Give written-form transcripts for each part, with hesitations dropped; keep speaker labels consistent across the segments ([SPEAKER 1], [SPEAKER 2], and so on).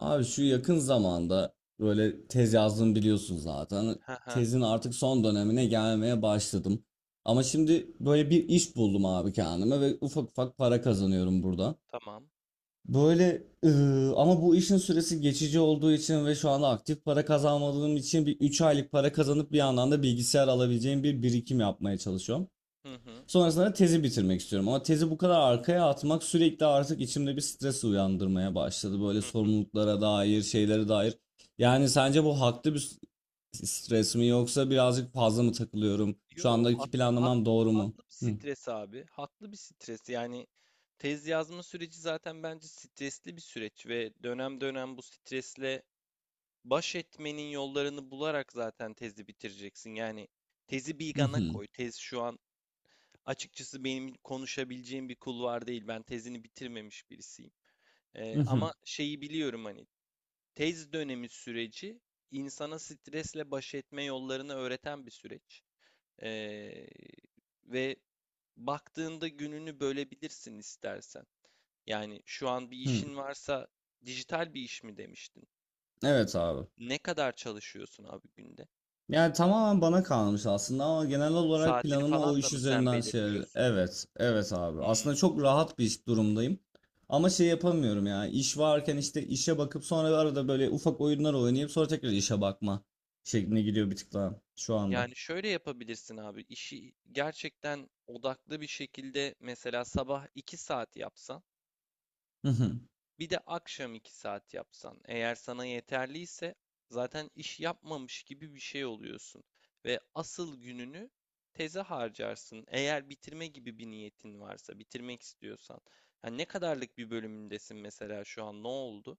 [SPEAKER 1] Abi şu yakın zamanda böyle tez yazdım biliyorsun zaten.
[SPEAKER 2] He he,
[SPEAKER 1] Tezin artık son dönemine gelmeye başladım. Ama şimdi böyle bir iş buldum abi kendime ve ufak ufak para kazanıyorum burada.
[SPEAKER 2] tamam.
[SPEAKER 1] Böyle ama bu işin süresi geçici olduğu için ve şu anda aktif para kazanmadığım için bir 3 aylık para kazanıp bir yandan da bilgisayar alabileceğim bir birikim yapmaya çalışıyorum.
[SPEAKER 2] Hı hı.
[SPEAKER 1] Sonrasında tezi bitirmek istiyorum. Ama tezi bu kadar arkaya atmak sürekli artık içimde bir stres uyandırmaya başladı. Böyle
[SPEAKER 2] Hı.
[SPEAKER 1] sorumluluklara dair, şeylere dair. Yani sence bu haklı bir stres mi yoksa birazcık fazla mı takılıyorum? Şu
[SPEAKER 2] Yo,
[SPEAKER 1] andaki planlamam doğru mu?
[SPEAKER 2] haklı bir
[SPEAKER 1] Hı.
[SPEAKER 2] stres abi. Haklı bir stres. Yani tez yazma süreci zaten bence stresli bir süreç ve dönem dönem bu stresle baş etmenin yollarını bularak zaten tezi bitireceksin. Yani tezi bir
[SPEAKER 1] Hı
[SPEAKER 2] yana
[SPEAKER 1] hı.
[SPEAKER 2] koy. Tez şu an açıkçası benim konuşabileceğim bir kulvar değil. Ben tezini bitirmemiş birisiyim.
[SPEAKER 1] Hı hı.
[SPEAKER 2] Ama şeyi biliyorum hani tez dönemi süreci insana stresle baş etme yollarını öğreten bir süreç. Ee, ve baktığında gününü bölebilirsin istersen. Yani şu an bir
[SPEAKER 1] Hı.
[SPEAKER 2] işin varsa dijital bir iş mi demiştin?
[SPEAKER 1] Evet abi.
[SPEAKER 2] Ne kadar çalışıyorsun abi günde?
[SPEAKER 1] Yani tamamen bana kalmış aslında ama genel olarak
[SPEAKER 2] Saatini
[SPEAKER 1] planımı
[SPEAKER 2] falan
[SPEAKER 1] o
[SPEAKER 2] da
[SPEAKER 1] iş
[SPEAKER 2] mı sen
[SPEAKER 1] üzerinden şey...
[SPEAKER 2] belirliyorsun?
[SPEAKER 1] Evet, evet abi. Aslında
[SPEAKER 2] Hmm.
[SPEAKER 1] çok rahat bir iş durumdayım. Ama şey yapamıyorum ya. İş varken işte işe bakıp sonra arada böyle ufak oyunlar oynayıp sonra tekrar işe bakma şekline gidiyor bir tık daha şu anda.
[SPEAKER 2] Yani şöyle yapabilirsin abi. İşi gerçekten odaklı bir şekilde mesela sabah 2 saat yapsan,
[SPEAKER 1] Hı hı.
[SPEAKER 2] bir de akşam 2 saat yapsan, eğer sana yeterliyse zaten iş yapmamış gibi bir şey oluyorsun ve asıl gününü teze harcarsın. Eğer bitirme gibi bir niyetin varsa, bitirmek istiyorsan. Yani ne kadarlık bir bölümündesin mesela şu an? Ne oldu?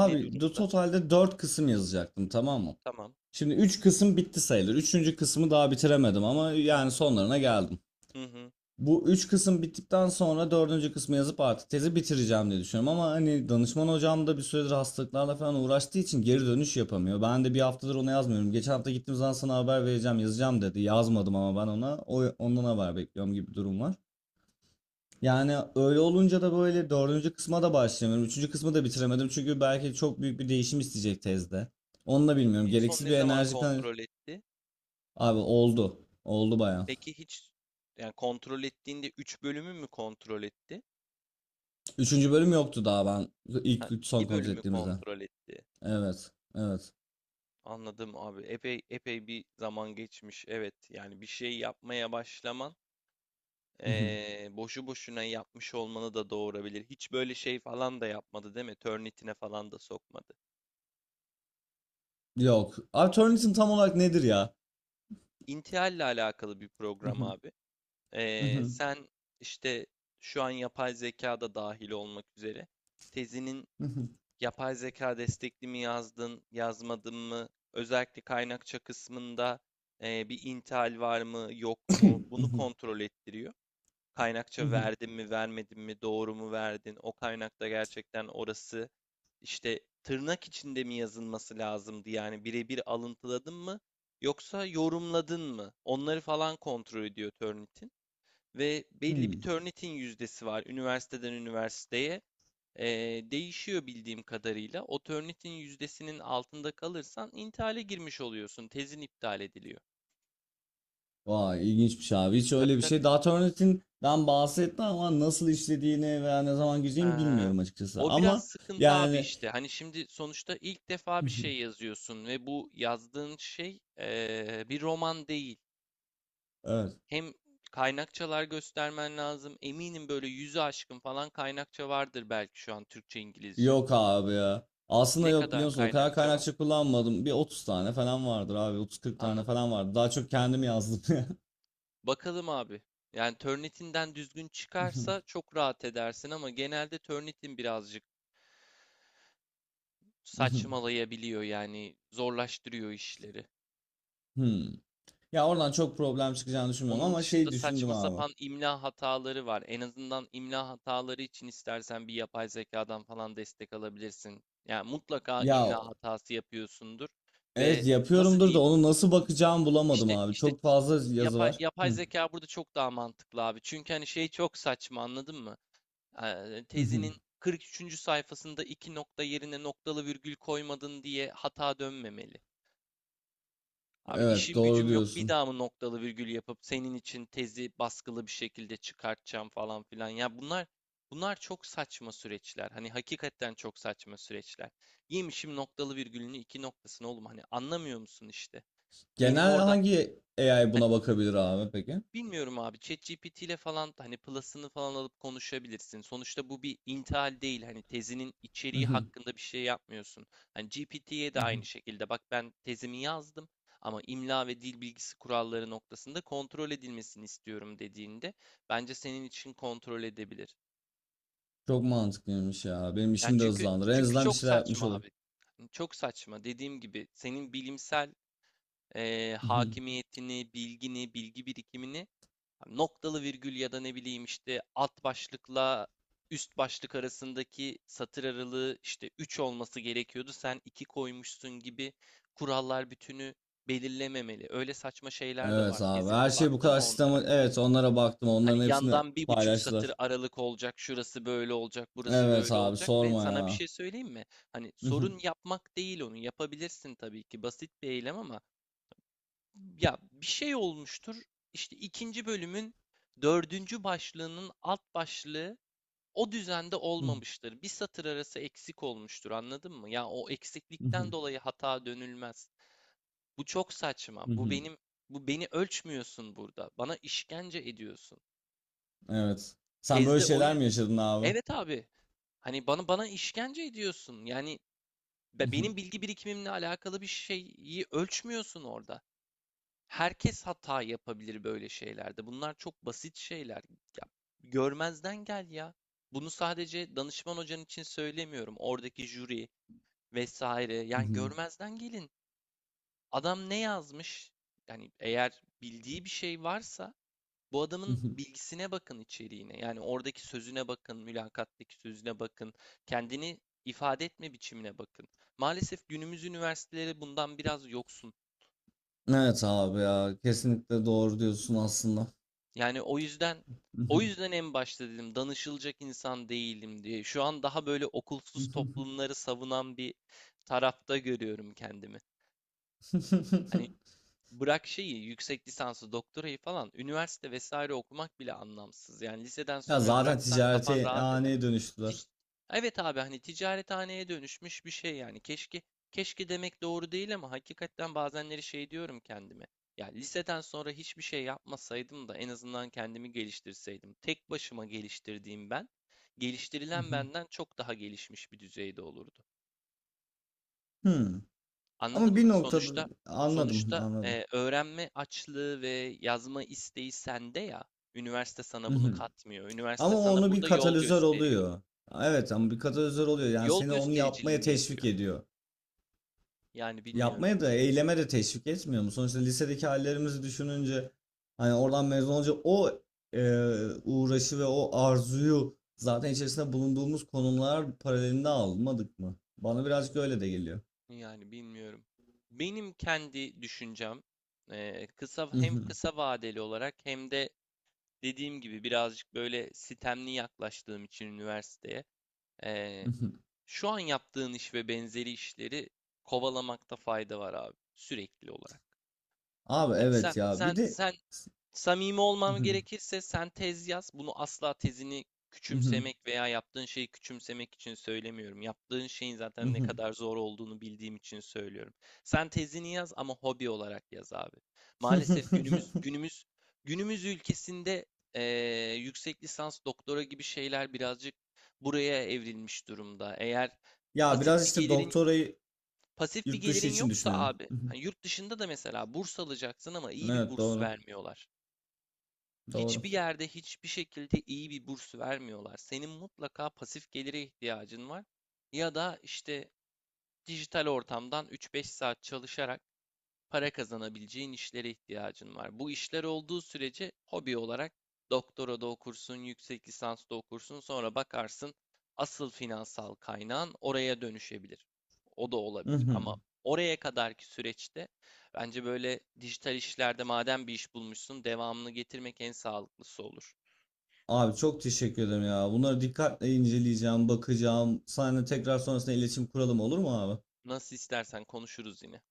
[SPEAKER 2] Ne
[SPEAKER 1] de
[SPEAKER 2] durumda?
[SPEAKER 1] totalde 4 kısım yazacaktım, tamam mı?
[SPEAKER 2] Tamam.
[SPEAKER 1] Şimdi 3 kısım bitti sayılır. Üçüncü kısmı daha bitiremedim ama yani
[SPEAKER 2] Hı
[SPEAKER 1] sonlarına geldim.
[SPEAKER 2] hı. Hı.
[SPEAKER 1] Bu üç kısım bittikten sonra dördüncü kısmı yazıp artık tezi bitireceğim diye düşünüyorum. Ama hani danışman hocam da bir süredir hastalıklarla falan uğraştığı için geri dönüş yapamıyor. Ben de bir haftadır ona yazmıyorum. Geçen hafta gittiğim zaman sana haber vereceğim, yazacağım dedi. Yazmadım ama ben ona. Ondan haber bekliyorum gibi bir durum var.
[SPEAKER 2] Hmm.
[SPEAKER 1] Yani öyle olunca da böyle dördüncü kısma da başlayamıyorum. Üçüncü kısmı da bitiremedim. Çünkü belki çok büyük bir değişim isteyecek tezde. Onu da
[SPEAKER 2] Hiç
[SPEAKER 1] bilmiyorum.
[SPEAKER 2] en son
[SPEAKER 1] Gereksiz
[SPEAKER 2] ne
[SPEAKER 1] bir
[SPEAKER 2] zaman
[SPEAKER 1] enerji kan...
[SPEAKER 2] kontrol etti?
[SPEAKER 1] Abi oldu. Oldu bayağı.
[SPEAKER 2] Peki hiç yani kontrol ettiğinde 3 bölümü mü kontrol etti?
[SPEAKER 1] Üçüncü bölüm yoktu daha ben
[SPEAKER 2] Ha,
[SPEAKER 1] ilk son
[SPEAKER 2] 2
[SPEAKER 1] kontrol
[SPEAKER 2] bölümü
[SPEAKER 1] ettiğimizde.
[SPEAKER 2] kontrol etti.
[SPEAKER 1] Evet. Evet.
[SPEAKER 2] Anladım abi. Epey epey bir zaman geçmiş. Evet, yani bir şey yapmaya başlaman
[SPEAKER 1] Hı hı.
[SPEAKER 2] boşu boşuna yapmış olmanı da doğurabilir. Hiç böyle şey falan da yapmadı değil mi? Turnitin'e falan da sokmadı.
[SPEAKER 1] Yok. Abi Turnitin tam olarak nedir ya?
[SPEAKER 2] İntihalle alakalı bir
[SPEAKER 1] Hı
[SPEAKER 2] program
[SPEAKER 1] hı,
[SPEAKER 2] abi.
[SPEAKER 1] hı hı,
[SPEAKER 2] Sen işte şu an yapay zeka da dahil olmak üzere tezinin
[SPEAKER 1] hı hı,
[SPEAKER 2] yapay zeka destekli mi yazdın, yazmadın mı? Özellikle kaynakça kısmında bir intihal var mı, yok
[SPEAKER 1] hı
[SPEAKER 2] mu? Bunu
[SPEAKER 1] hı,
[SPEAKER 2] kontrol ettiriyor.
[SPEAKER 1] hı
[SPEAKER 2] Kaynakça
[SPEAKER 1] hı,
[SPEAKER 2] verdin mi, vermedin mi, doğru mu verdin? O kaynakta gerçekten orası işte tırnak içinde mi yazılması lazımdı? Yani birebir alıntıladın mı yoksa yorumladın mı? Onları falan kontrol ediyor Turnitin. Ve belli bir
[SPEAKER 1] hı.
[SPEAKER 2] Turnitin yüzdesi var üniversiteden üniversiteye. Değişiyor bildiğim kadarıyla. O Turnitin yüzdesinin altında kalırsan intihale girmiş oluyorsun. Tezin iptal ediliyor.
[SPEAKER 1] Vay ilginçmiş abi. Hiç
[SPEAKER 2] Tabii
[SPEAKER 1] öyle bir
[SPEAKER 2] tabii.
[SPEAKER 1] şey. Daha Turnitin'den bahsetme ama nasıl işlediğini veya ne zaman gireceğini
[SPEAKER 2] Eee,
[SPEAKER 1] bilmiyorum açıkçası.
[SPEAKER 2] O biraz
[SPEAKER 1] Ama
[SPEAKER 2] sıkıntı abi
[SPEAKER 1] yani.
[SPEAKER 2] işte. Hani şimdi sonuçta ilk defa
[SPEAKER 1] Hı
[SPEAKER 2] bir
[SPEAKER 1] hı.
[SPEAKER 2] şey yazıyorsun ve bu yazdığın şey bir roman değil.
[SPEAKER 1] Evet.
[SPEAKER 2] Hem kaynakçalar göstermen lazım. Eminim böyle yüzü aşkın falan kaynakça vardır belki şu an Türkçe, İngilizce.
[SPEAKER 1] Yok abi ya. Aslında
[SPEAKER 2] Ne
[SPEAKER 1] yok biliyor
[SPEAKER 2] kadar
[SPEAKER 1] musun? O kadar
[SPEAKER 2] kaynakça var?
[SPEAKER 1] kaynakça kullanmadım. Bir 30 tane falan vardır abi. 30-40 tane
[SPEAKER 2] Anladım.
[SPEAKER 1] falan vardı. Daha çok kendim yazdım
[SPEAKER 2] Bakalım abi. Yani Turnitin'den düzgün
[SPEAKER 1] ya.
[SPEAKER 2] çıkarsa çok rahat edersin ama genelde Turnitin birazcık saçmalayabiliyor yani zorlaştırıyor işleri.
[SPEAKER 1] Hmm. Ya oradan çok problem çıkacağını düşünmüyorum
[SPEAKER 2] Onun
[SPEAKER 1] ama
[SPEAKER 2] dışında
[SPEAKER 1] şey düşündüm
[SPEAKER 2] saçma
[SPEAKER 1] abi.
[SPEAKER 2] sapan imla hataları var. En azından imla hataları için istersen bir yapay zekadan falan destek alabilirsin. Yani mutlaka
[SPEAKER 1] Ya
[SPEAKER 2] imla hatası yapıyorsundur ve
[SPEAKER 1] evet
[SPEAKER 2] nasıl
[SPEAKER 1] yapıyorumdur da
[SPEAKER 2] diyeyim?
[SPEAKER 1] onu nasıl bakacağımı bulamadım
[SPEAKER 2] İşte
[SPEAKER 1] abi.
[SPEAKER 2] işte
[SPEAKER 1] Çok fazla yazı
[SPEAKER 2] yapay,
[SPEAKER 1] var.
[SPEAKER 2] yapay
[SPEAKER 1] Hı.
[SPEAKER 2] zeka burada çok daha mantıklı abi. Çünkü hani şey çok saçma anladın mı?
[SPEAKER 1] Hı hı.
[SPEAKER 2] Tezinin 43. sayfasında iki nokta yerine noktalı virgül koymadın diye hata dönmemeli. Abi
[SPEAKER 1] Evet
[SPEAKER 2] işim
[SPEAKER 1] doğru
[SPEAKER 2] gücüm yok. Bir
[SPEAKER 1] diyorsun.
[SPEAKER 2] daha mı noktalı virgül yapıp senin için tezi baskılı bir şekilde çıkartacağım falan filan. Ya bunlar çok saçma süreçler. Hani hakikaten çok saçma süreçler. Yemişim noktalı virgülünü iki noktasını oğlum hani anlamıyor musun işte? Benim
[SPEAKER 1] Genel
[SPEAKER 2] orada
[SPEAKER 1] hangi AI
[SPEAKER 2] hani
[SPEAKER 1] buna bakabilir abi peki?
[SPEAKER 2] bilmiyorum abi. ChatGPT ile falan hani plus'ını falan alıp konuşabilirsin. Sonuçta bu bir intihal değil. Hani tezinin
[SPEAKER 1] Hı
[SPEAKER 2] içeriği
[SPEAKER 1] hı.
[SPEAKER 2] hakkında bir şey yapmıyorsun. Hani GPT'ye
[SPEAKER 1] Hı
[SPEAKER 2] de
[SPEAKER 1] hı.
[SPEAKER 2] aynı şekilde. Bak ben tezimi yazdım ama imla ve dil bilgisi kuralları noktasında kontrol edilmesini istiyorum dediğinde bence senin için kontrol edebilir.
[SPEAKER 1] Çok mantıklıymış ya. Benim
[SPEAKER 2] Ya
[SPEAKER 1] işimi de
[SPEAKER 2] çünkü
[SPEAKER 1] hızlandırır. En
[SPEAKER 2] çünkü
[SPEAKER 1] azından bir
[SPEAKER 2] çok
[SPEAKER 1] şeyler yapmış
[SPEAKER 2] saçma
[SPEAKER 1] olurum.
[SPEAKER 2] abi. Çok saçma. Dediğim gibi senin bilimsel
[SPEAKER 1] Hı hı.
[SPEAKER 2] hakimiyetini, bilgini, bilgi birikimini hani, noktalı virgül ya da ne bileyim işte alt başlıkla üst başlık arasındaki satır aralığı işte 3 olması gerekiyordu. Sen 2 koymuşsun gibi kurallar bütünü belirlememeli. Öyle saçma şeyler de var
[SPEAKER 1] Evet abi.
[SPEAKER 2] tezinde.
[SPEAKER 1] Her şey bu
[SPEAKER 2] Baktın mı
[SPEAKER 1] kadar sistem.
[SPEAKER 2] onlara?
[SPEAKER 1] Evet onlara baktım.
[SPEAKER 2] Hani
[SPEAKER 1] Onların hepsini
[SPEAKER 2] yandan bir buçuk
[SPEAKER 1] paylaştılar.
[SPEAKER 2] satır aralık olacak, şurası böyle olacak, burası
[SPEAKER 1] Evet
[SPEAKER 2] böyle
[SPEAKER 1] abi
[SPEAKER 2] olacak ve
[SPEAKER 1] sorma
[SPEAKER 2] sana bir
[SPEAKER 1] ya.
[SPEAKER 2] şey söyleyeyim mi? Hani
[SPEAKER 1] Hı hı.
[SPEAKER 2] sorun yapmak değil onu. Yapabilirsin tabii ki basit bir eylem ama ya bir şey olmuştur. İşte ikinci bölümün dördüncü başlığının alt başlığı o düzende
[SPEAKER 1] Hı hı.
[SPEAKER 2] olmamıştır. Bir satır arası eksik olmuştur, anladın mı? Ya o
[SPEAKER 1] Hı
[SPEAKER 2] eksiklikten
[SPEAKER 1] hı.
[SPEAKER 2] dolayı hata dönülmez. Bu çok saçma.
[SPEAKER 1] Hı
[SPEAKER 2] Bu
[SPEAKER 1] hı.
[SPEAKER 2] benim bu beni ölçmüyorsun burada. Bana işkence ediyorsun.
[SPEAKER 1] Evet. Sen böyle
[SPEAKER 2] Tezde o
[SPEAKER 1] şeyler
[SPEAKER 2] yüz
[SPEAKER 1] mi yaşadın abi?
[SPEAKER 2] Evet abi. Hani bana işkence ediyorsun. Yani benim bilgi birikimimle alakalı bir şeyi ölçmüyorsun orada. Herkes hata yapabilir böyle şeylerde. Bunlar çok basit şeyler. Ya, görmezden gel ya. Bunu sadece danışman hocan için söylemiyorum. Oradaki jüri vesaire. Yani görmezden gelin. Adam ne yazmış? Yani eğer bildiği bir şey varsa bu adamın bilgisine bakın içeriğine. Yani oradaki sözüne bakın, mülakattaki sözüne bakın. Kendini ifade etme biçimine bakın. Maalesef günümüz üniversiteleri bundan biraz yoksun.
[SPEAKER 1] Evet abi ya kesinlikle doğru diyorsun aslında.
[SPEAKER 2] Yani o yüzden en başta dedim danışılacak insan değilim diye. Şu an daha böyle okulsuz toplumları savunan bir tarafta görüyorum kendimi. Hani bırak şeyi, yüksek lisansı, doktorayı falan, üniversite vesaire okumak bile anlamsız. Yani liseden
[SPEAKER 1] Ya
[SPEAKER 2] sonra
[SPEAKER 1] zaten
[SPEAKER 2] bıraksan kafan
[SPEAKER 1] ticarete
[SPEAKER 2] rahat eder.
[SPEAKER 1] haneye dönüştüler.
[SPEAKER 2] Tic- Evet abi hani ticarethaneye dönüşmüş bir şey yani. Keşke demek doğru değil ama hakikaten bazenleri şey diyorum kendime. Ya liseden sonra hiçbir şey yapmasaydım da en azından kendimi geliştirseydim. Tek başıma geliştirdiğim ben, geliştirilen benden çok daha gelişmiş bir düzeyde olurdu.
[SPEAKER 1] Hmm.
[SPEAKER 2] Anladın
[SPEAKER 1] Ama
[SPEAKER 2] mı?
[SPEAKER 1] bir noktada
[SPEAKER 2] Sonuçta
[SPEAKER 1] anladım,
[SPEAKER 2] sonuçta
[SPEAKER 1] anladım.
[SPEAKER 2] öğrenme açlığı ve yazma isteği sende ya. Üniversite sana bunu
[SPEAKER 1] Mhm.
[SPEAKER 2] katmıyor. Üniversite
[SPEAKER 1] Ama
[SPEAKER 2] sana
[SPEAKER 1] onu bir
[SPEAKER 2] burada yol
[SPEAKER 1] katalizör
[SPEAKER 2] gösteriyor.
[SPEAKER 1] oluyor. Evet ama bir katalizör oluyor, yani
[SPEAKER 2] Yol
[SPEAKER 1] seni onu yapmaya
[SPEAKER 2] göstericiliğini
[SPEAKER 1] teşvik
[SPEAKER 2] yapıyor.
[SPEAKER 1] ediyor.
[SPEAKER 2] Yani bilmiyorum.
[SPEAKER 1] Yapmaya da eyleme de teşvik etmiyor mu? Sonuçta lisedeki hallerimizi düşününce hani oradan mezun olunca o e, uğraşı ve o arzuyu zaten içerisinde bulunduğumuz konumlar paralelinde almadık mı? Bana birazcık öyle de geliyor.
[SPEAKER 2] Yani bilmiyorum. Benim kendi düşüncem hem kısa vadeli olarak hem de dediğim gibi birazcık böyle sistemli yaklaştığım için üniversiteye eee, şu an yaptığın iş ve benzeri işleri kovalamakta fayda var abi sürekli olarak.
[SPEAKER 1] Abi
[SPEAKER 2] Hani sen
[SPEAKER 1] evet ya,
[SPEAKER 2] sen
[SPEAKER 1] bir de
[SPEAKER 2] sen Samimi olmam gerekirse sen tez yaz. Bunu asla tezini küçümsemek veya yaptığın şeyi küçümsemek için söylemiyorum. Yaptığın şeyin zaten ne kadar zor olduğunu bildiğim için söylüyorum. Sen tezini yaz ama hobi olarak yaz abi. Maalesef günümüz ülkesinde yüksek lisans, doktora gibi şeyler birazcık buraya evrilmiş durumda. Eğer
[SPEAKER 1] ya
[SPEAKER 2] pasif
[SPEAKER 1] biraz
[SPEAKER 2] bir
[SPEAKER 1] işte
[SPEAKER 2] gelirin
[SPEAKER 1] doktorayı
[SPEAKER 2] pasif bir
[SPEAKER 1] yurt dışı
[SPEAKER 2] gelirin
[SPEAKER 1] için
[SPEAKER 2] yoksa
[SPEAKER 1] düşünüyorum.
[SPEAKER 2] abi, hani yurt dışında da mesela burs alacaksın ama iyi bir
[SPEAKER 1] Evet,
[SPEAKER 2] burs
[SPEAKER 1] doğru
[SPEAKER 2] vermiyorlar.
[SPEAKER 1] doğru.
[SPEAKER 2] Hiçbir yerde hiçbir şekilde iyi bir burs vermiyorlar. Senin mutlaka pasif gelire ihtiyacın var. Ya da işte dijital ortamdan 3-5 saat çalışarak para kazanabileceğin işlere ihtiyacın var. Bu işler olduğu sürece hobi olarak doktora da okursun, yüksek lisans da okursun, sonra bakarsın asıl finansal kaynağın oraya dönüşebilir. O da olabilir ama oraya kadarki süreçte bence böyle dijital işlerde madem bir iş bulmuşsun devamını getirmek en sağlıklısı olur.
[SPEAKER 1] Abi çok teşekkür ederim ya. Bunları dikkatle inceleyeceğim, bakacağım. Seninle tekrar sonrasında iletişim kuralım, olur mu abi?
[SPEAKER 2] Nasıl istersen konuşuruz yine.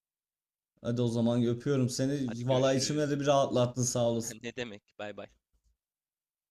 [SPEAKER 1] Hadi o zaman öpüyorum
[SPEAKER 2] Hadi
[SPEAKER 1] seni. Vallahi içimde
[SPEAKER 2] görüşürüz.
[SPEAKER 1] de bir rahatlattın, sağ olasın.
[SPEAKER 2] Ne demek? Bay bay.